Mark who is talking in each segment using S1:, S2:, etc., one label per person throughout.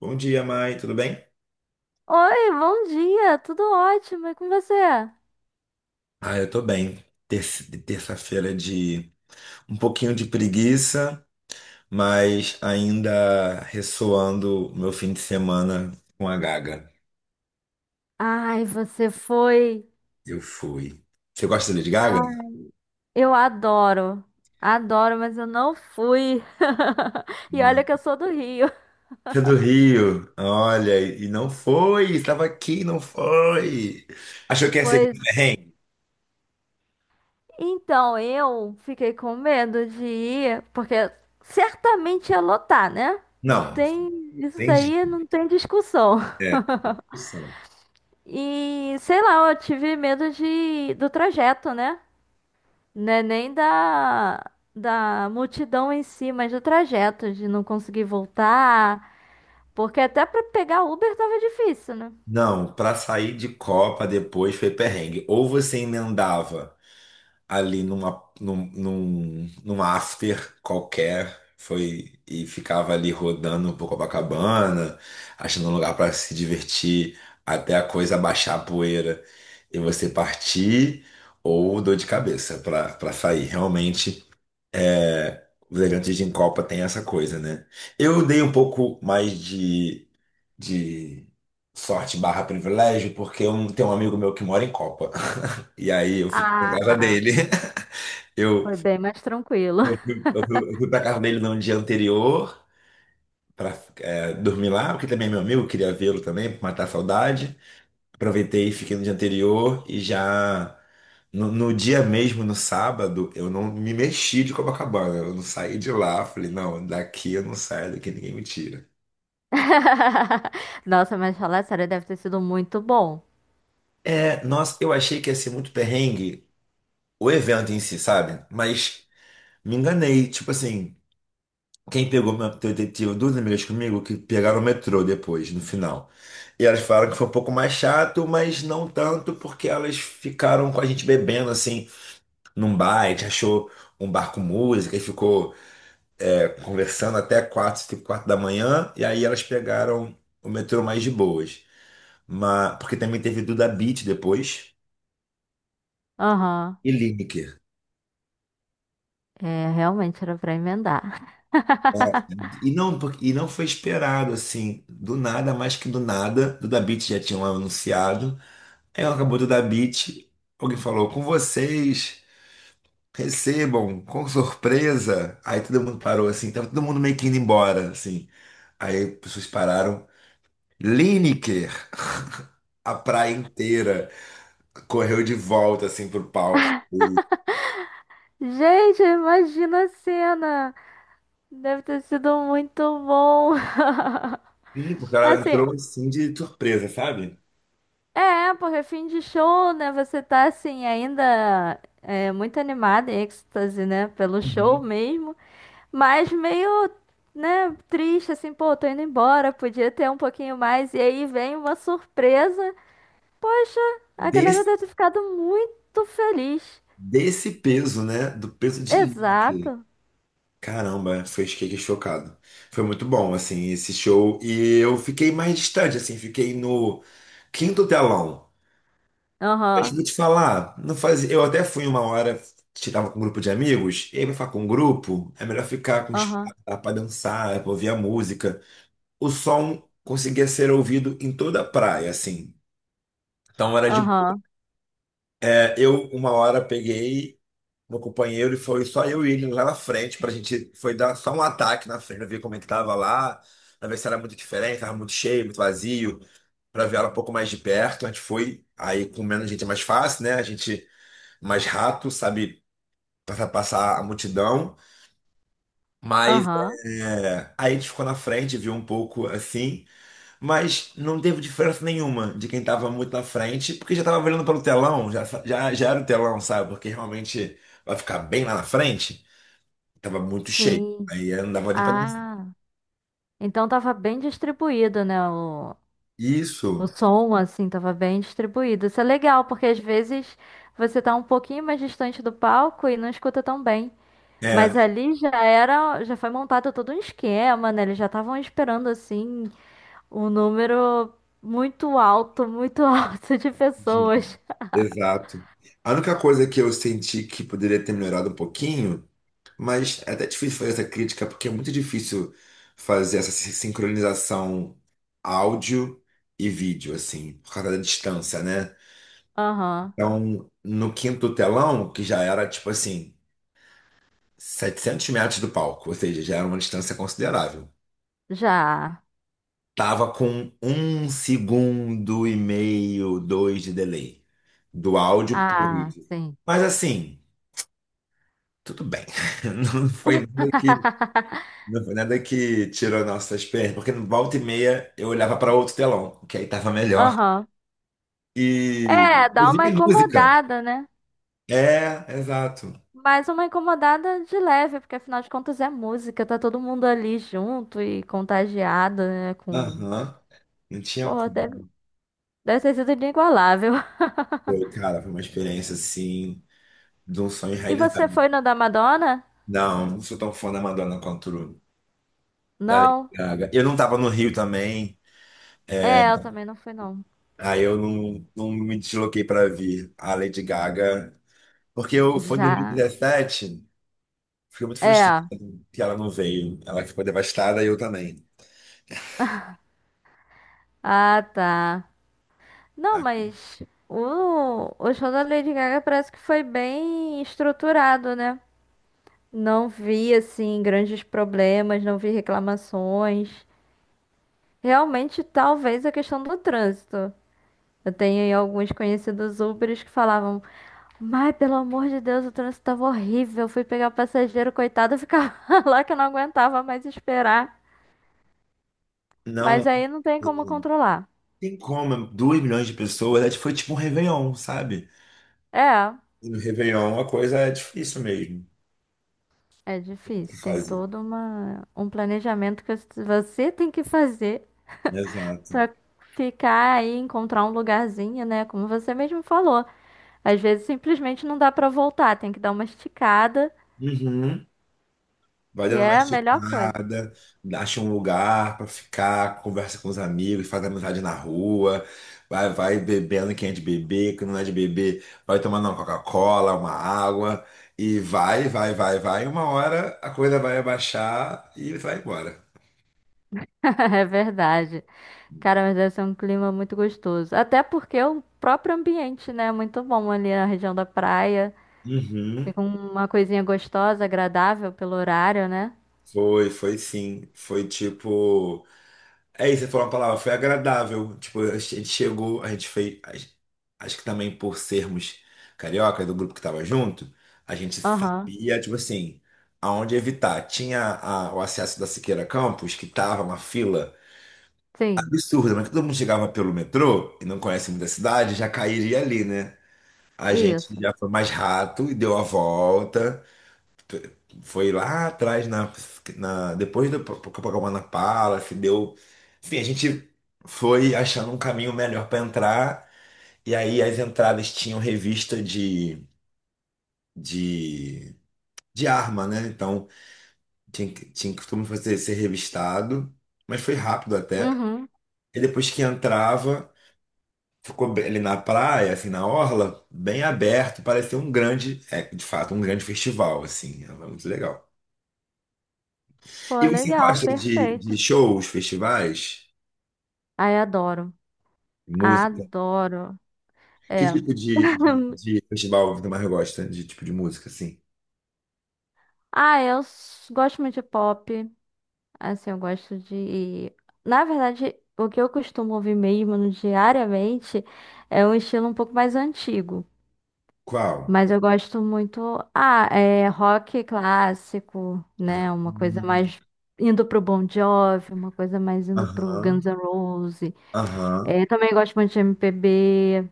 S1: Bom dia, Mai, tudo bem?
S2: Oi, bom dia, tudo ótimo, e com você?
S1: Ah, eu tô bem. Terça-feira é de um pouquinho de preguiça, mas ainda ressoando o meu fim de semana com a Gaga.
S2: Ai, você foi.
S1: Eu fui. Você gosta de Lady
S2: Ah,
S1: Gaga?
S2: eu adoro, mas eu não fui. E olha
S1: Não.
S2: que eu sou do Rio.
S1: Você é do Rio. Olha, e não foi, estava aqui, não foi. Achou que ia ser
S2: Pois
S1: muito perrengue?
S2: então eu fiquei com medo de ir, porque certamente ia lotar, né? Não
S1: Não,
S2: tem, isso
S1: tem
S2: daí
S1: jeito.
S2: não tem discussão.
S1: É, opção.
S2: E sei lá, eu tive medo de do trajeto, né? Não é nem da multidão em si, mas do trajeto, de não conseguir voltar. Porque até pra pegar Uber tava difícil, né?
S1: Não, para sair de Copa depois foi perrengue. Ou você emendava, ali num after qualquer. Foi e ficava ali rodando por Copacabana, achando um lugar para se divertir, até a coisa baixar a poeira e você partir, ou dor de cabeça para sair. Realmente, os elegantes de Copa tem essa coisa, né? Eu dei um pouco mais de sorte barra privilégio, porque eu tenho um amigo meu que mora em Copa. E aí eu fiquei na casa
S2: Ah,
S1: dele. Eu
S2: foi bem mais tranquilo.
S1: eu fui pra casa dele no dia anterior pra dormir lá, porque também é meu amigo, queria vê-lo também, pra matar a saudade. Aproveitei e fiquei no dia anterior e já no dia mesmo, no sábado, eu não me mexi de Copacabana, eu não saí de lá. Falei, não, daqui eu não saio, daqui ninguém me tira.
S2: Nossa, mas falar sério, deve ter sido muito bom.
S1: É, nossa, eu achei que ia ser muito perrengue o evento em si, sabe? Mas me enganei, tipo assim. Quem pegou uma detetive, duas amigas comigo, que pegaram o metrô depois, no final. E elas falaram que foi um pouco mais chato, mas não tanto, porque elas ficaram com a gente bebendo, assim, num bar. A gente achou um bar com música e ficou conversando até quatro, cinco, quatro da manhã. E aí elas pegaram o metrô mais de boas. Mas, porque também teve Duda Beat depois
S2: Aham.
S1: e Lineker.
S2: É, realmente era pra emendar.
S1: E não, e não foi esperado, assim, do nada, mais que do nada. Duda Beat já tinham anunciado. Ela acabou de dar beat. Alguém falou com vocês, recebam com surpresa. Aí todo mundo parou assim, tava todo mundo meio que indo embora, assim. Aí as pessoas pararam. Lineker, a praia inteira, correu de volta assim pro palco.
S2: Gente, imagina a cena. Deve ter sido muito bom.
S1: Sim, porque ela
S2: Assim,
S1: entrou assim de surpresa, sabe?
S2: é, porque fim de show, né? Você tá assim, ainda é, muito animada, em êxtase, né? Pelo show
S1: Uhum.
S2: mesmo, mas meio, né, triste, assim, pô, tô indo embora, podia ter um pouquinho mais. E aí vem uma surpresa. Poxa, a galera
S1: Desse,
S2: deve ter ficado muito feliz.
S1: desse peso, né? Do peso de Lineker.
S2: Exato.
S1: Caramba, foi fiquei chocado. Foi muito bom, assim, esse show. E eu fiquei mais distante, assim, fiquei no quinto telão. Mas
S2: Aham,
S1: vou te falar, não fazia. Eu até fui uma hora, estava com um grupo de amigos, e aí pra ficar com um grupo, é melhor ficar com espaço
S2: aham,
S1: para dançar, pra ouvir a música. O som conseguia ser ouvido em toda a praia, assim. Então era de.
S2: aham,
S1: Eu, uma hora, peguei, meu companheiro e foi só eu e ele lá na frente pra gente foi dar só um ataque na frente, ver como é que tava lá, pra ver se era muito diferente, tava muito cheio, muito vazio, pra ver ela um pouco mais de perto. A gente foi, aí com menos gente é mais fácil, né? A gente mais rápido, sabe passar a multidão, mas
S2: aham.
S1: aí a gente ficou na frente, viu um pouco assim, mas não teve diferença nenhuma de quem tava muito na frente, porque já tava olhando pelo telão, já era o telão, sabe? Porque realmente vai ficar bem lá na frente. Tava muito cheio.
S2: Sim.
S1: Aí eu não dava nem pra dançar.
S2: Ah, então tava bem distribuído, né? O
S1: Isso.
S2: som, assim, tava bem distribuído. Isso é legal, porque às vezes você tá um pouquinho mais distante do palco e não escuta tão bem. Mas
S1: É.
S2: ali já era, já foi montado todo um esquema, né? Eles já estavam esperando, assim, um número muito alto, muito alto de
S1: Uhum.
S2: pessoas.
S1: Exato. A única coisa que eu senti que poderia ter melhorado um pouquinho, mas é até difícil fazer essa crítica, porque é muito difícil fazer essa sincronização áudio e vídeo, assim, por causa da distância, né?
S2: Aham,
S1: Então, no quinto telão, que já era, tipo assim, 700 metros do palco, ou seja, já era uma distância considerável.
S2: já.
S1: Tava com um segundo e meio, dois de delay do áudio por
S2: Ah,
S1: vídeo.
S2: sim.
S1: Mas assim, tudo bem. Não foi nada que, não foi nada que tirou nossas pernas, porque no volta e meia eu olhava para outro telão, que aí tava melhor.
S2: Aham.
S1: E
S2: É, dá uma
S1: ouvia música.
S2: incomodada, né?
S1: É, exato.
S2: Mas uma incomodada de leve, porque afinal de contas é música, tá todo mundo ali junto e contagiado, né? Com.
S1: Aham. Não tinha
S2: Pô,
S1: como.
S2: deve ter sido inigualável.
S1: Foi, cara, foi uma experiência assim, de um sonho
S2: E você foi
S1: realizado.
S2: no da Madonna?
S1: Não, não sou tão fã da Madonna quanto da Lady
S2: Não.
S1: Gaga. Eu não tava no Rio também,
S2: É, eu também não fui, não.
S1: aí eu não me desloquei pra vir a Lady Gaga, porque eu foi em
S2: Já.
S1: 2017, fiquei muito frustrado
S2: É.
S1: que ela não veio. Ela ficou devastada e eu também.
S2: Ah, tá. Não,
S1: Ah,
S2: mas o show da Lady Gaga parece que foi bem estruturado, né? Não vi, assim, grandes problemas, não vi reclamações. Realmente, talvez a questão do trânsito. Eu tenho aí alguns conhecidos Ubers que falavam, mas pelo amor de Deus, o trânsito tava horrível. Fui pegar o passageiro, coitado, eu ficava lá que eu não aguentava mais esperar. Mas
S1: não
S2: aí não tem como controlar.
S1: tem como, 2 milhões de pessoas, foi tipo um Réveillon, sabe?
S2: É,
S1: E no Réveillon a coisa é difícil mesmo
S2: é
S1: de
S2: difícil. Tem
S1: fazer.
S2: todo um planejamento que você tem que fazer
S1: Exato.
S2: pra ficar aí, encontrar um lugarzinho, né? Como você mesmo falou. Às vezes simplesmente não dá pra voltar, tem que dar uma esticada,
S1: Uhum. Vai
S2: que
S1: dando uma
S2: é a melhor coisa.
S1: esticada, acha um lugar pra ficar, conversa com os amigos, faz amizade na rua, vai bebendo quem é de beber, quem não é de beber, vai tomando uma Coca-Cola, uma água, e vai, vai, vai, vai. Uma hora a coisa vai abaixar e vai embora.
S2: É verdade. Cara, mas deve ser um clima muito gostoso. Até porque o próprio ambiente, né, é muito bom ali na região da praia.
S1: Uhum.
S2: Fica uma coisinha gostosa, agradável pelo horário, né?
S1: Foi, foi sim. Foi tipo. É isso, você falou uma palavra, foi agradável. Tipo, a gente chegou, a gente fez. Acho que também por sermos carioca do grupo que tava junto, a gente
S2: Aham,
S1: sabia, tipo assim, aonde evitar. Tinha o acesso da Siqueira Campos, que tava uma fila
S2: sim,
S1: absurda, mas todo mundo chegava pelo metrô e não conhece muita cidade, já cairia ali, né? A gente
S2: isso.
S1: já foi mais rato e deu a volta foi lá atrás na, na depois do Copacabana Palace, deu, enfim, a gente foi achando um caminho melhor para entrar e aí as entradas tinham revista de, de arma, né? Então tinha que todo mundo fazer ser revistado, mas foi rápido até.
S2: Uhum.
S1: E depois que entrava, ali na praia, assim, na orla, bem aberto, parecia um grande, é, de fato, um grande festival, assim, era muito legal.
S2: Pô,
S1: E você
S2: legal,
S1: gosta de
S2: perfeito.
S1: shows, festivais,
S2: Ai, adoro.
S1: música?
S2: Adoro.
S1: Que
S2: É.
S1: tipo de, de, de festival você mais gosta de tipo de música, assim?
S2: Ah, eu gosto muito de pop. Assim, eu gosto de. Na verdade, o que eu costumo ouvir mesmo diariamente é um estilo um pouco mais antigo.
S1: Qual?
S2: Mas eu gosto muito. Ah, é rock clássico, né? Uma coisa
S1: Hum,
S2: mais indo pro Bon Jovi, uma coisa mais indo pro
S1: Aham,
S2: Guns N' Roses.
S1: aham,
S2: É, também gosto muito de MPB.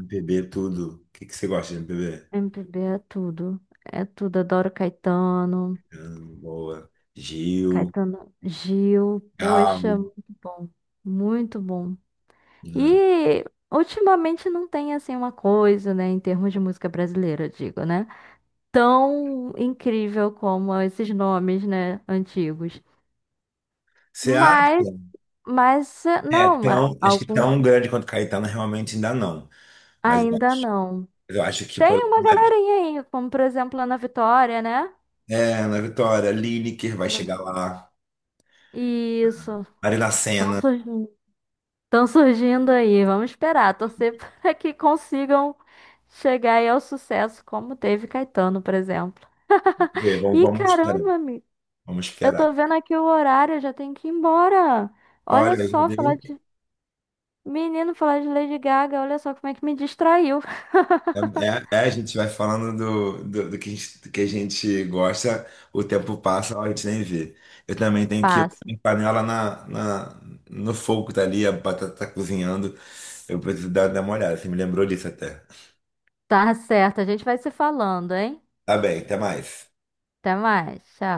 S1: MPB tudo. O que, que você gosta de MPB?
S2: MPB é tudo. É tudo. Adoro Caetano.
S1: Boa. Gil,
S2: Caetano Gil. Poxa,
S1: Gal.
S2: muito bom. Muito bom.
S1: Hum.
S2: E ultimamente não tem assim uma coisa, né? Em termos de música brasileira, eu digo, né? Tão incrível como esses nomes, né? Antigos.
S1: Você acha?
S2: Mas, mas
S1: É,
S2: não,
S1: tão, acho que
S2: algum
S1: tão grande quanto Caetano realmente ainda não. Mas eu
S2: ainda
S1: acho,
S2: não.
S1: eu acho que,
S2: Tem uma galerinha aí, como por exemplo a Ana Vitória, né?
S1: na Vitória, Lineker vai
S2: Ana
S1: chegar
S2: Vi-
S1: lá.
S2: Isso,
S1: Marina
S2: estão
S1: Sena.
S2: surgindo, tão surgindo aí. Vamos esperar, torcer para que consigam chegar aí ao sucesso, como teve Caetano, por exemplo.
S1: Vamos,
S2: E
S1: vamos esperar.
S2: caramba, amigo,
S1: Vamos
S2: eu
S1: esperar.
S2: tô vendo aqui o horário, eu já tenho que ir embora. Olha
S1: Olha, já
S2: só,
S1: deu.
S2: falar de menino, falar de Lady Gaga, olha só como é que me distraiu.
S1: É, é, a gente vai falando do que a gente gosta, o tempo passa, a gente nem vê. Eu também tenho que ir
S2: Passa.
S1: com panela no fogo, tá ali, a batata tá cozinhando. Eu preciso dar uma olhada, você me lembrou disso até.
S2: Tá certo, a gente vai se falando, hein?
S1: Tá bem, até mais.
S2: Até mais, tchau.